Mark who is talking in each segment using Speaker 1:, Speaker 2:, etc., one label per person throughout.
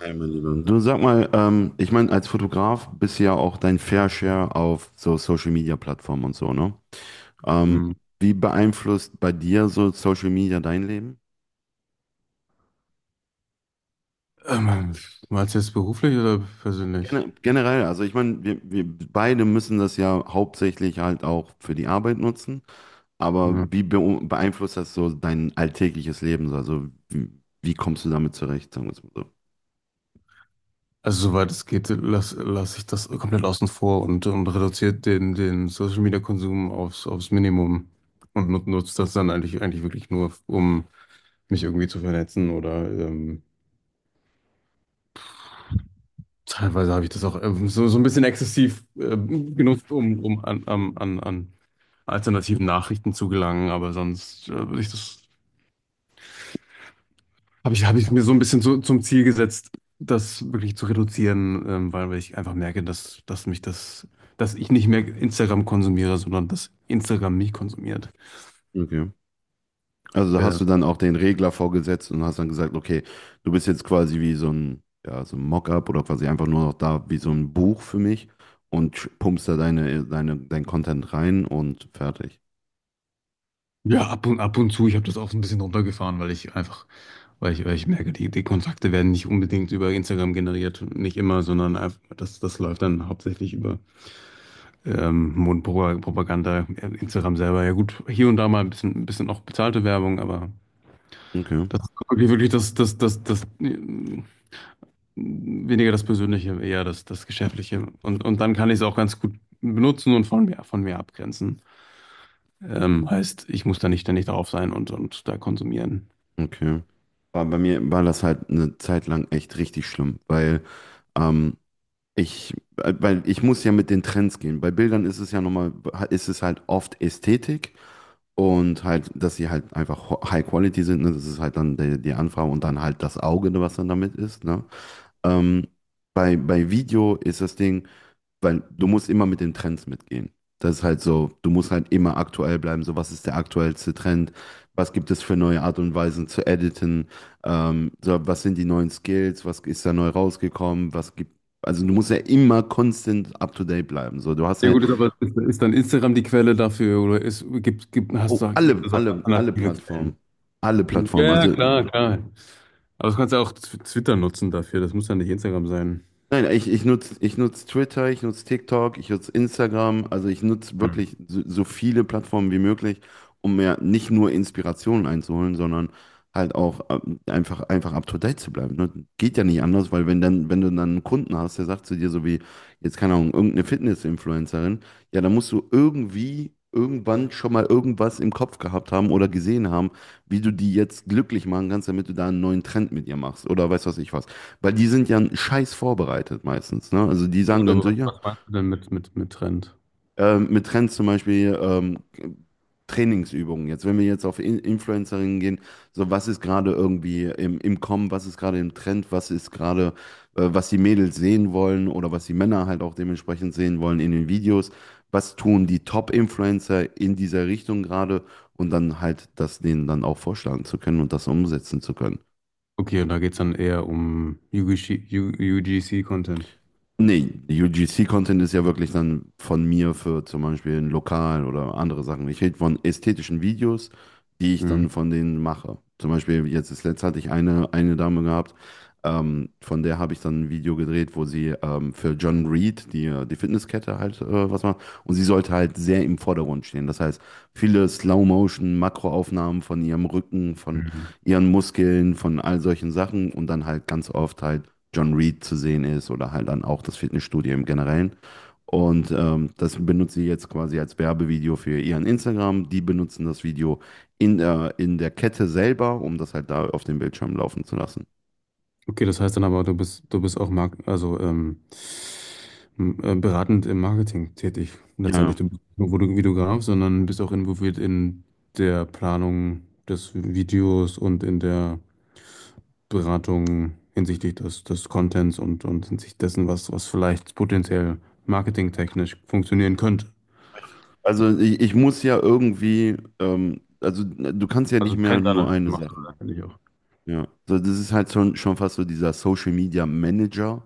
Speaker 1: Hey, mein Lieber. Du, sag mal, ich meine, als Fotograf bist du ja auch dein Fair Share auf so Social Media Plattformen und so, ne? Ähm,
Speaker 2: Hm.
Speaker 1: Wie beeinflusst bei dir so Social Media dein Leben?
Speaker 2: Ähm, Meinst du jetzt beruflich oder persönlich?
Speaker 1: Generell, also ich meine, wir beide müssen das ja hauptsächlich halt auch für die Arbeit nutzen, aber
Speaker 2: Ja.
Speaker 1: wie beeinflusst das so dein alltägliches Leben? Also wie, wie kommst du damit zurecht, sagen wir es mal
Speaker 2: Also soweit es geht, lass ich das komplett außen vor, und reduziert den Social Media Konsum aufs Minimum und nutzt das dann eigentlich wirklich nur, um mich irgendwie zu vernetzen oder teilweise habe ich das auch so, so ein bisschen exzessiv genutzt, um an alternativen Nachrichten zu gelangen, aber sonst würde ich das habe ich mir so ein bisschen so zum Ziel gesetzt, das wirklich zu reduzieren, weil, weil ich einfach merke, dass mich das, dass ich nicht mehr Instagram konsumiere, sondern dass Instagram mich konsumiert.
Speaker 1: so? Also da
Speaker 2: Äh,
Speaker 1: hast du dann auch den Regler vorgesetzt und hast dann gesagt, okay, du bist jetzt quasi wie so ein, ja, so ein Mockup oder quasi einfach nur noch da wie so ein Buch für mich und pumpst da dein Content rein und fertig.
Speaker 2: ja, ab und zu, ich habe das auch so ein bisschen runtergefahren, weil ich einfach, weil ich merke, die Kontakte werden nicht unbedingt über Instagram generiert, nicht immer, sondern einfach, das läuft dann hauptsächlich über Mundpropaganda, Instagram selber. Ja gut, hier und da mal ein bisschen auch bezahlte Werbung, aber
Speaker 1: Okay,
Speaker 2: das ist wirklich das weniger das Persönliche, eher das Geschäftliche. Und dann kann ich es auch ganz gut benutzen und von mir abgrenzen. Heißt, ich muss da nicht ständig drauf sein und da konsumieren.
Speaker 1: okay. War bei mir war das halt eine Zeit lang echt richtig schlimm, weil ähm, ich, weil ich muss ja mit den Trends gehen. Bei Bildern ist es ja nochmal, ist es halt oft Ästhetik. Und halt, dass sie halt einfach High Quality sind, ne? Das ist halt dann die, die Anfrage und dann halt das Auge, ne, was dann damit ist, ne? Ähm, bei Video ist das Ding, weil du musst immer mit den Trends mitgehen. Das ist halt so, du musst halt immer aktuell bleiben, so was ist der aktuellste Trend, was gibt es für neue Art und Weisen zu editen, so, was sind die neuen Skills, was ist da neu rausgekommen, was gibt, also du musst ja immer constant up to date bleiben, so, du hast
Speaker 2: Ja
Speaker 1: ja,
Speaker 2: gut, ist aber ist dann Instagram die Quelle dafür oder ist, gibt, gibt, hast
Speaker 1: oh,
Speaker 2: du, gibt es auch
Speaker 1: alle
Speaker 2: alternative Quellen?
Speaker 1: Plattformen. Alle
Speaker 2: Ja,
Speaker 1: Plattformen.
Speaker 2: ja,
Speaker 1: Also
Speaker 2: klar, klar. Aber das kannst du ja auch Twitter nutzen dafür, das muss ja nicht Instagram sein.
Speaker 1: nein, ich nutze ich nutz Twitter, ich nutze TikTok, ich nutze Instagram. Also ich nutze wirklich so, so viele Plattformen wie möglich, um mir nicht nur Inspirationen einzuholen, sondern halt auch einfach, einfach up to date zu bleiben. Ne? Geht ja nicht anders, weil wenn dann, wenn du dann einen Kunden hast, der sagt zu dir so wie, jetzt keine Ahnung, irgendeine Fitness-Influencerin, ja, dann musst du irgendwie irgendwann schon mal irgendwas im Kopf gehabt haben oder gesehen haben, wie du die jetzt glücklich machen kannst, damit du da einen neuen Trend mit ihr machst oder weiß was ich was. Weil die sind ja einen scheiß vorbereitet meistens. Ne? Also die
Speaker 2: Gut,
Speaker 1: sagen dann
Speaker 2: aber
Speaker 1: so, ja,
Speaker 2: was meinst du denn mit Trend?
Speaker 1: mit Trends zum Beispiel Trainingsübungen. Jetzt, wenn wir jetzt auf In Influencerinnen gehen, so was ist gerade irgendwie im, im Kommen, was ist gerade im Trend, was ist gerade, was die Mädels sehen wollen oder was die Männer halt auch dementsprechend sehen wollen in den Videos. Was tun die Top-Influencer in dieser Richtung gerade und dann halt das denen dann auch vorschlagen zu können und das umsetzen zu können.
Speaker 2: Okay, und da geht es dann eher um UGC Content.
Speaker 1: Nee, UGC-Content ist ja wirklich dann von mir für zum Beispiel ein Lokal oder andere Sachen. Ich rede von ästhetischen Videos, die ich
Speaker 2: Mhm.
Speaker 1: dann von denen mache. Zum Beispiel jetzt das letzte hatte ich eine Dame gehabt, von der habe ich dann ein Video gedreht, wo sie für John Reed, die, die Fitnesskette halt was macht. Und sie sollte halt sehr im Vordergrund stehen. Das heißt, viele Slow-Motion, Makroaufnahmen von ihrem Rücken, von
Speaker 2: Mhm.
Speaker 1: ihren Muskeln, von all solchen Sachen und dann halt ganz oft halt John Reed zu sehen ist oder halt dann auch das Fitnessstudio im Generellen. Und das benutzt sie jetzt quasi als Werbevideo für ihren Instagram. Die benutzen das Video in der Kette selber, um das halt da auf dem Bildschirm laufen zu lassen.
Speaker 2: Okay, das heißt dann aber, du bist auch beratend im Marketing tätig.
Speaker 1: Ja.
Speaker 2: Letztendlich, du bist nicht nur Videograf, sondern bist auch involviert in der Planung des Videos und in der Beratung hinsichtlich des Contents und hinsichtlich dessen, was vielleicht potenziell marketingtechnisch funktionieren könnte.
Speaker 1: Also ich muss ja irgendwie, also du kannst ja
Speaker 2: Also
Speaker 1: nicht mehr nur
Speaker 2: Trendanalyse
Speaker 1: eine
Speaker 2: machst du
Speaker 1: Sache.
Speaker 2: da, finde ich.
Speaker 1: Ja, so, das ist halt schon fast so dieser Social Media Manager,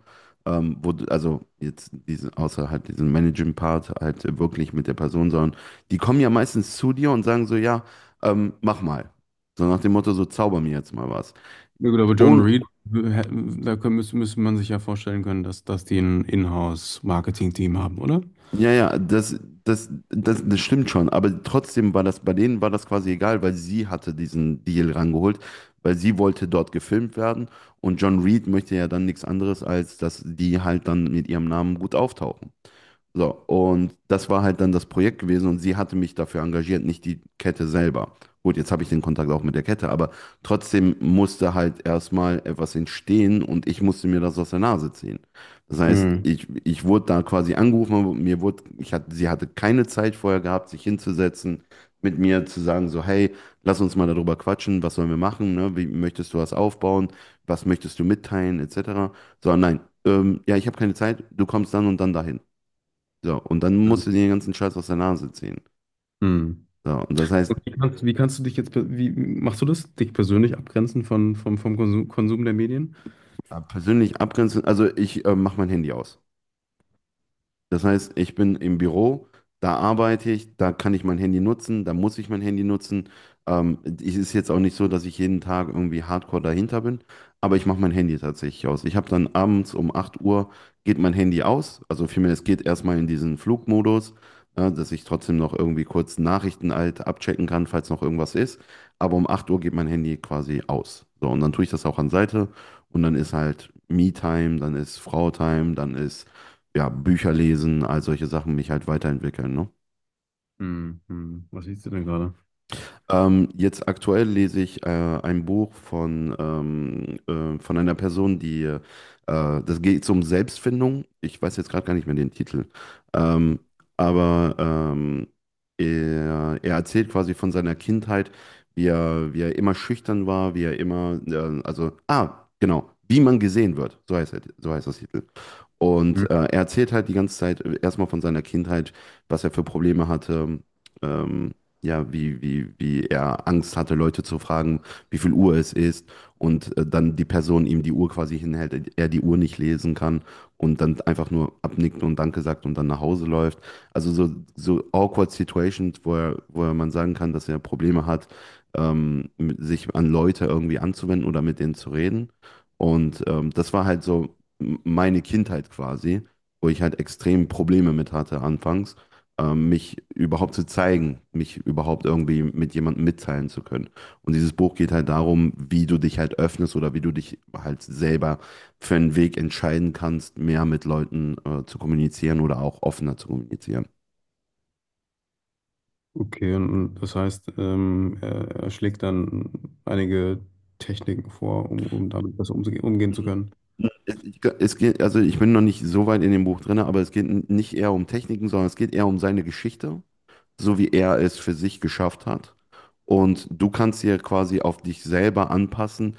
Speaker 1: wo du, also jetzt diesen, außer halt diesen Managing-Part halt wirklich mit der Person, sondern die kommen ja meistens zu dir und sagen so, ja, mach mal. So nach dem Motto, so zauber mir jetzt mal was.
Speaker 2: Ja gut, aber John
Speaker 1: Und
Speaker 2: Reed, da müsste man sich ja vorstellen können, dass die ein Inhouse-Marketing-Team haben, oder?
Speaker 1: ja, ja, das stimmt schon, aber trotzdem war das, bei denen war das quasi egal, weil sie hatte diesen Deal rangeholt, weil sie wollte dort gefilmt werden und John Reed möchte ja dann nichts anderes, als dass die halt dann mit ihrem Namen gut auftauchen. So, und das war halt dann das Projekt gewesen und sie hatte mich dafür engagiert, nicht die Kette selber. Gut, jetzt habe ich den Kontakt auch mit der Kette, aber trotzdem musste halt erstmal etwas entstehen und ich musste mir das aus der Nase ziehen. Das heißt,
Speaker 2: Hm.
Speaker 1: ich wurde da quasi angerufen, aber mir wurde, ich hatte, sie hatte keine Zeit vorher gehabt, sich hinzusetzen, mit mir zu sagen, so, hey, lass uns mal darüber quatschen, was sollen wir machen, ne? Wie möchtest du was aufbauen, was möchtest du mitteilen, etc. So, nein, ja, ich habe keine Zeit, du kommst dann und dann dahin. So, und dann musst du dir den ganzen Scheiß aus der Nase ziehen.
Speaker 2: Hm.
Speaker 1: So, und das
Speaker 2: Und
Speaker 1: heißt,
Speaker 2: wie kannst du dich jetzt, wie machst du das? Dich persönlich abgrenzen von, vom Konsum der Medien?
Speaker 1: persönlich abgrenzen, also ich mache mein Handy aus. Das heißt, ich bin im Büro, da arbeite ich, da kann ich mein Handy nutzen, da muss ich mein Handy nutzen. Es ist jetzt auch nicht so, dass ich jeden Tag irgendwie hardcore dahinter bin, aber ich mache mein Handy tatsächlich aus. Ich habe dann abends um 8 Uhr, geht mein Handy aus, also vielmehr es geht erstmal in diesen Flugmodus, ne, dass ich trotzdem noch irgendwie kurz Nachrichten halt abchecken kann, falls noch irgendwas ist. Aber um 8 Uhr geht mein Handy quasi aus. So, und dann tue ich das auch an Seite und dann ist halt Me-Time, dann ist Frau-Time, dann ist ja, Bücher lesen, all solche Sachen, mich halt weiterentwickeln, ne?
Speaker 2: Hm, hm. Was siehst du denn gerade?
Speaker 1: Jetzt aktuell lese ich ein Buch von einer Person, die, das geht um Selbstfindung. Ich weiß jetzt gerade gar nicht mehr den Titel. Ähm, aber er erzählt quasi von seiner Kindheit, wie er immer schüchtern war, wie er immer, also, ah, genau, wie man gesehen wird. So heißt, er, so heißt das Titel. Und
Speaker 2: Hm.
Speaker 1: er erzählt halt die ganze Zeit erstmal von seiner Kindheit, was er für Probleme hatte, ähm, ja, wie er Angst hatte, Leute zu fragen, wie viel Uhr es ist. Und dann die Person ihm die Uhr quasi hinhält, er die Uhr nicht lesen kann und dann einfach nur abnickt und Danke sagt und dann nach Hause läuft. Also so, so awkward Situations, wo er man sagen kann, dass er Probleme hat, sich an Leute irgendwie anzuwenden oder mit denen zu reden. Und das war halt so meine Kindheit quasi, wo ich halt extrem Probleme mit hatte anfangs, mich überhaupt zu zeigen, mich überhaupt irgendwie mit jemandem mitteilen zu können. Und dieses Buch geht halt darum, wie du dich halt öffnest oder wie du dich halt selber für einen Weg entscheiden kannst, mehr mit Leuten zu kommunizieren oder auch offener zu kommunizieren.
Speaker 2: Okay, und das heißt, er schlägt dann einige Techniken vor, um damit besser umgehen zu können.
Speaker 1: Es, ich, es geht, also ich bin noch nicht so weit in dem Buch drin, aber es geht nicht eher um Techniken, sondern es geht eher um seine Geschichte, so wie er es für sich geschafft hat. Und du kannst dir quasi auf dich selber anpassen,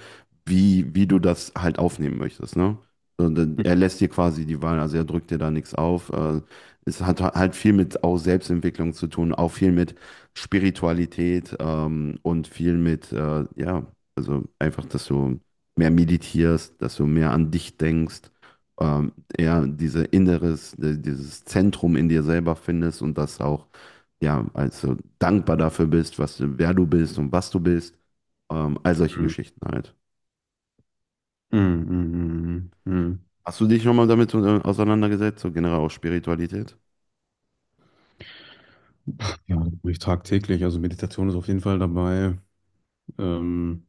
Speaker 1: wie, wie du das halt aufnehmen möchtest, ne? Und dann-
Speaker 2: Hm.
Speaker 1: er lässt dir quasi die Wahl, also er drückt dir da nichts auf. Es hat halt viel mit auch Selbstentwicklung zu tun, auch viel mit Spiritualität und viel mit, ja, also einfach, dass du mehr meditierst, dass du mehr an dich denkst, eher diese Inneres, dieses Zentrum in dir selber findest und das auch ja, also dankbar dafür bist, was, du- wer du bist und was du bist. All solche
Speaker 2: Hm,
Speaker 1: Geschichten halt.
Speaker 2: hm, hm, hm, hm.
Speaker 1: Hast du dich schon mal damit auseinandergesetzt, so generell auch Spiritualität?
Speaker 2: Ja, das mache ich tagtäglich. Also Meditation ist auf jeden Fall dabei. Ähm,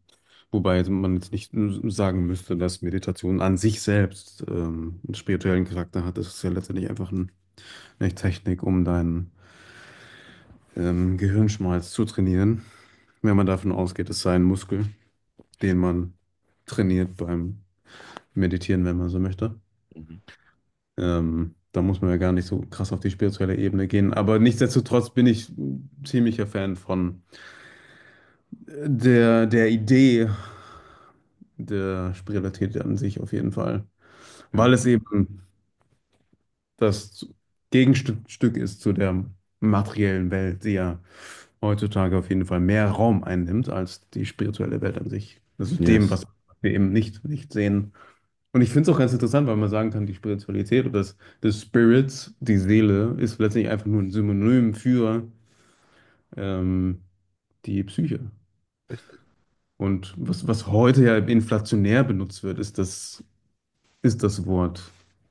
Speaker 2: wobei man jetzt nicht sagen müsste, dass Meditation an sich selbst einen spirituellen Charakter hat. Das ist ja letztendlich einfach eine Technik, um deinen Gehirnschmalz zu trainieren. Wenn man davon ausgeht, es sei ein Muskel, den man trainiert beim Meditieren, wenn man so möchte.
Speaker 1: Mhm.
Speaker 2: Da muss man ja gar nicht so krass auf die spirituelle Ebene gehen. Aber nichtsdestotrotz bin ich ziemlicher Fan von der Idee der Spiritualität an sich auf jeden Fall.
Speaker 1: Ja.
Speaker 2: Weil es eben das Gegenstück ist zu der materiellen Welt, die ja heutzutage auf jeden Fall mehr Raum einnimmt als die spirituelle Welt an sich. Das ist dem,
Speaker 1: Yes.
Speaker 2: was wir eben nicht sehen. Und ich finde es auch ganz interessant, weil man sagen kann, die Spiritualität oder das Spirit, die Seele, ist letztendlich einfach nur ein Synonym für ähm, die Psyche.
Speaker 1: Richtig.
Speaker 2: Und was heute ja inflationär benutzt wird, ist ist das Wort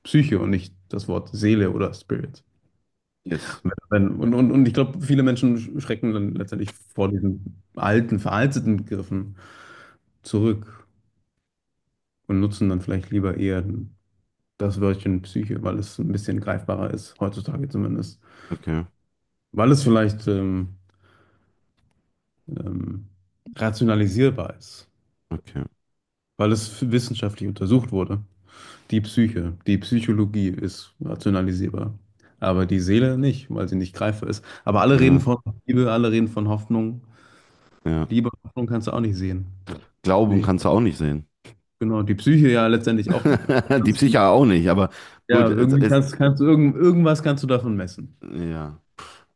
Speaker 2: Psyche und nicht das Wort Seele oder Spirit.
Speaker 1: Yes.
Speaker 2: Und ich glaube, viele Menschen schrecken dann letztendlich vor diesen alten, veralteten Begriffen zurück und nutzen dann vielleicht lieber eher das Wörtchen Psyche, weil es ein bisschen greifbarer ist, heutzutage zumindest.
Speaker 1: Okay.
Speaker 2: Weil es vielleicht ähm, rationalisierbar ist,
Speaker 1: Okay.
Speaker 2: weil es wissenschaftlich untersucht wurde. Die Psyche, die Psychologie ist rationalisierbar, aber die Seele nicht, weil sie nicht greifbar ist. Aber alle reden
Speaker 1: Ja,
Speaker 2: von Liebe, alle reden von Hoffnung.
Speaker 1: ja.
Speaker 2: Liebe, Hoffnung kannst du auch nicht sehen.
Speaker 1: Glauben kannst du auch nicht sehen.
Speaker 2: Genau, die Psyche ja letztendlich auch nicht. Aber
Speaker 1: Die
Speaker 2: kannst,
Speaker 1: Psyche auch nicht, aber
Speaker 2: ja,
Speaker 1: gut, es
Speaker 2: irgendwie
Speaker 1: ist,
Speaker 2: kannst, irgendwas kannst du davon messen.
Speaker 1: ja.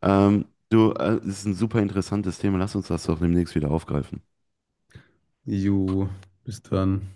Speaker 1: Du, es ist ein super interessantes Thema. Lass uns das doch demnächst wieder aufgreifen.
Speaker 2: Jo, bis dann.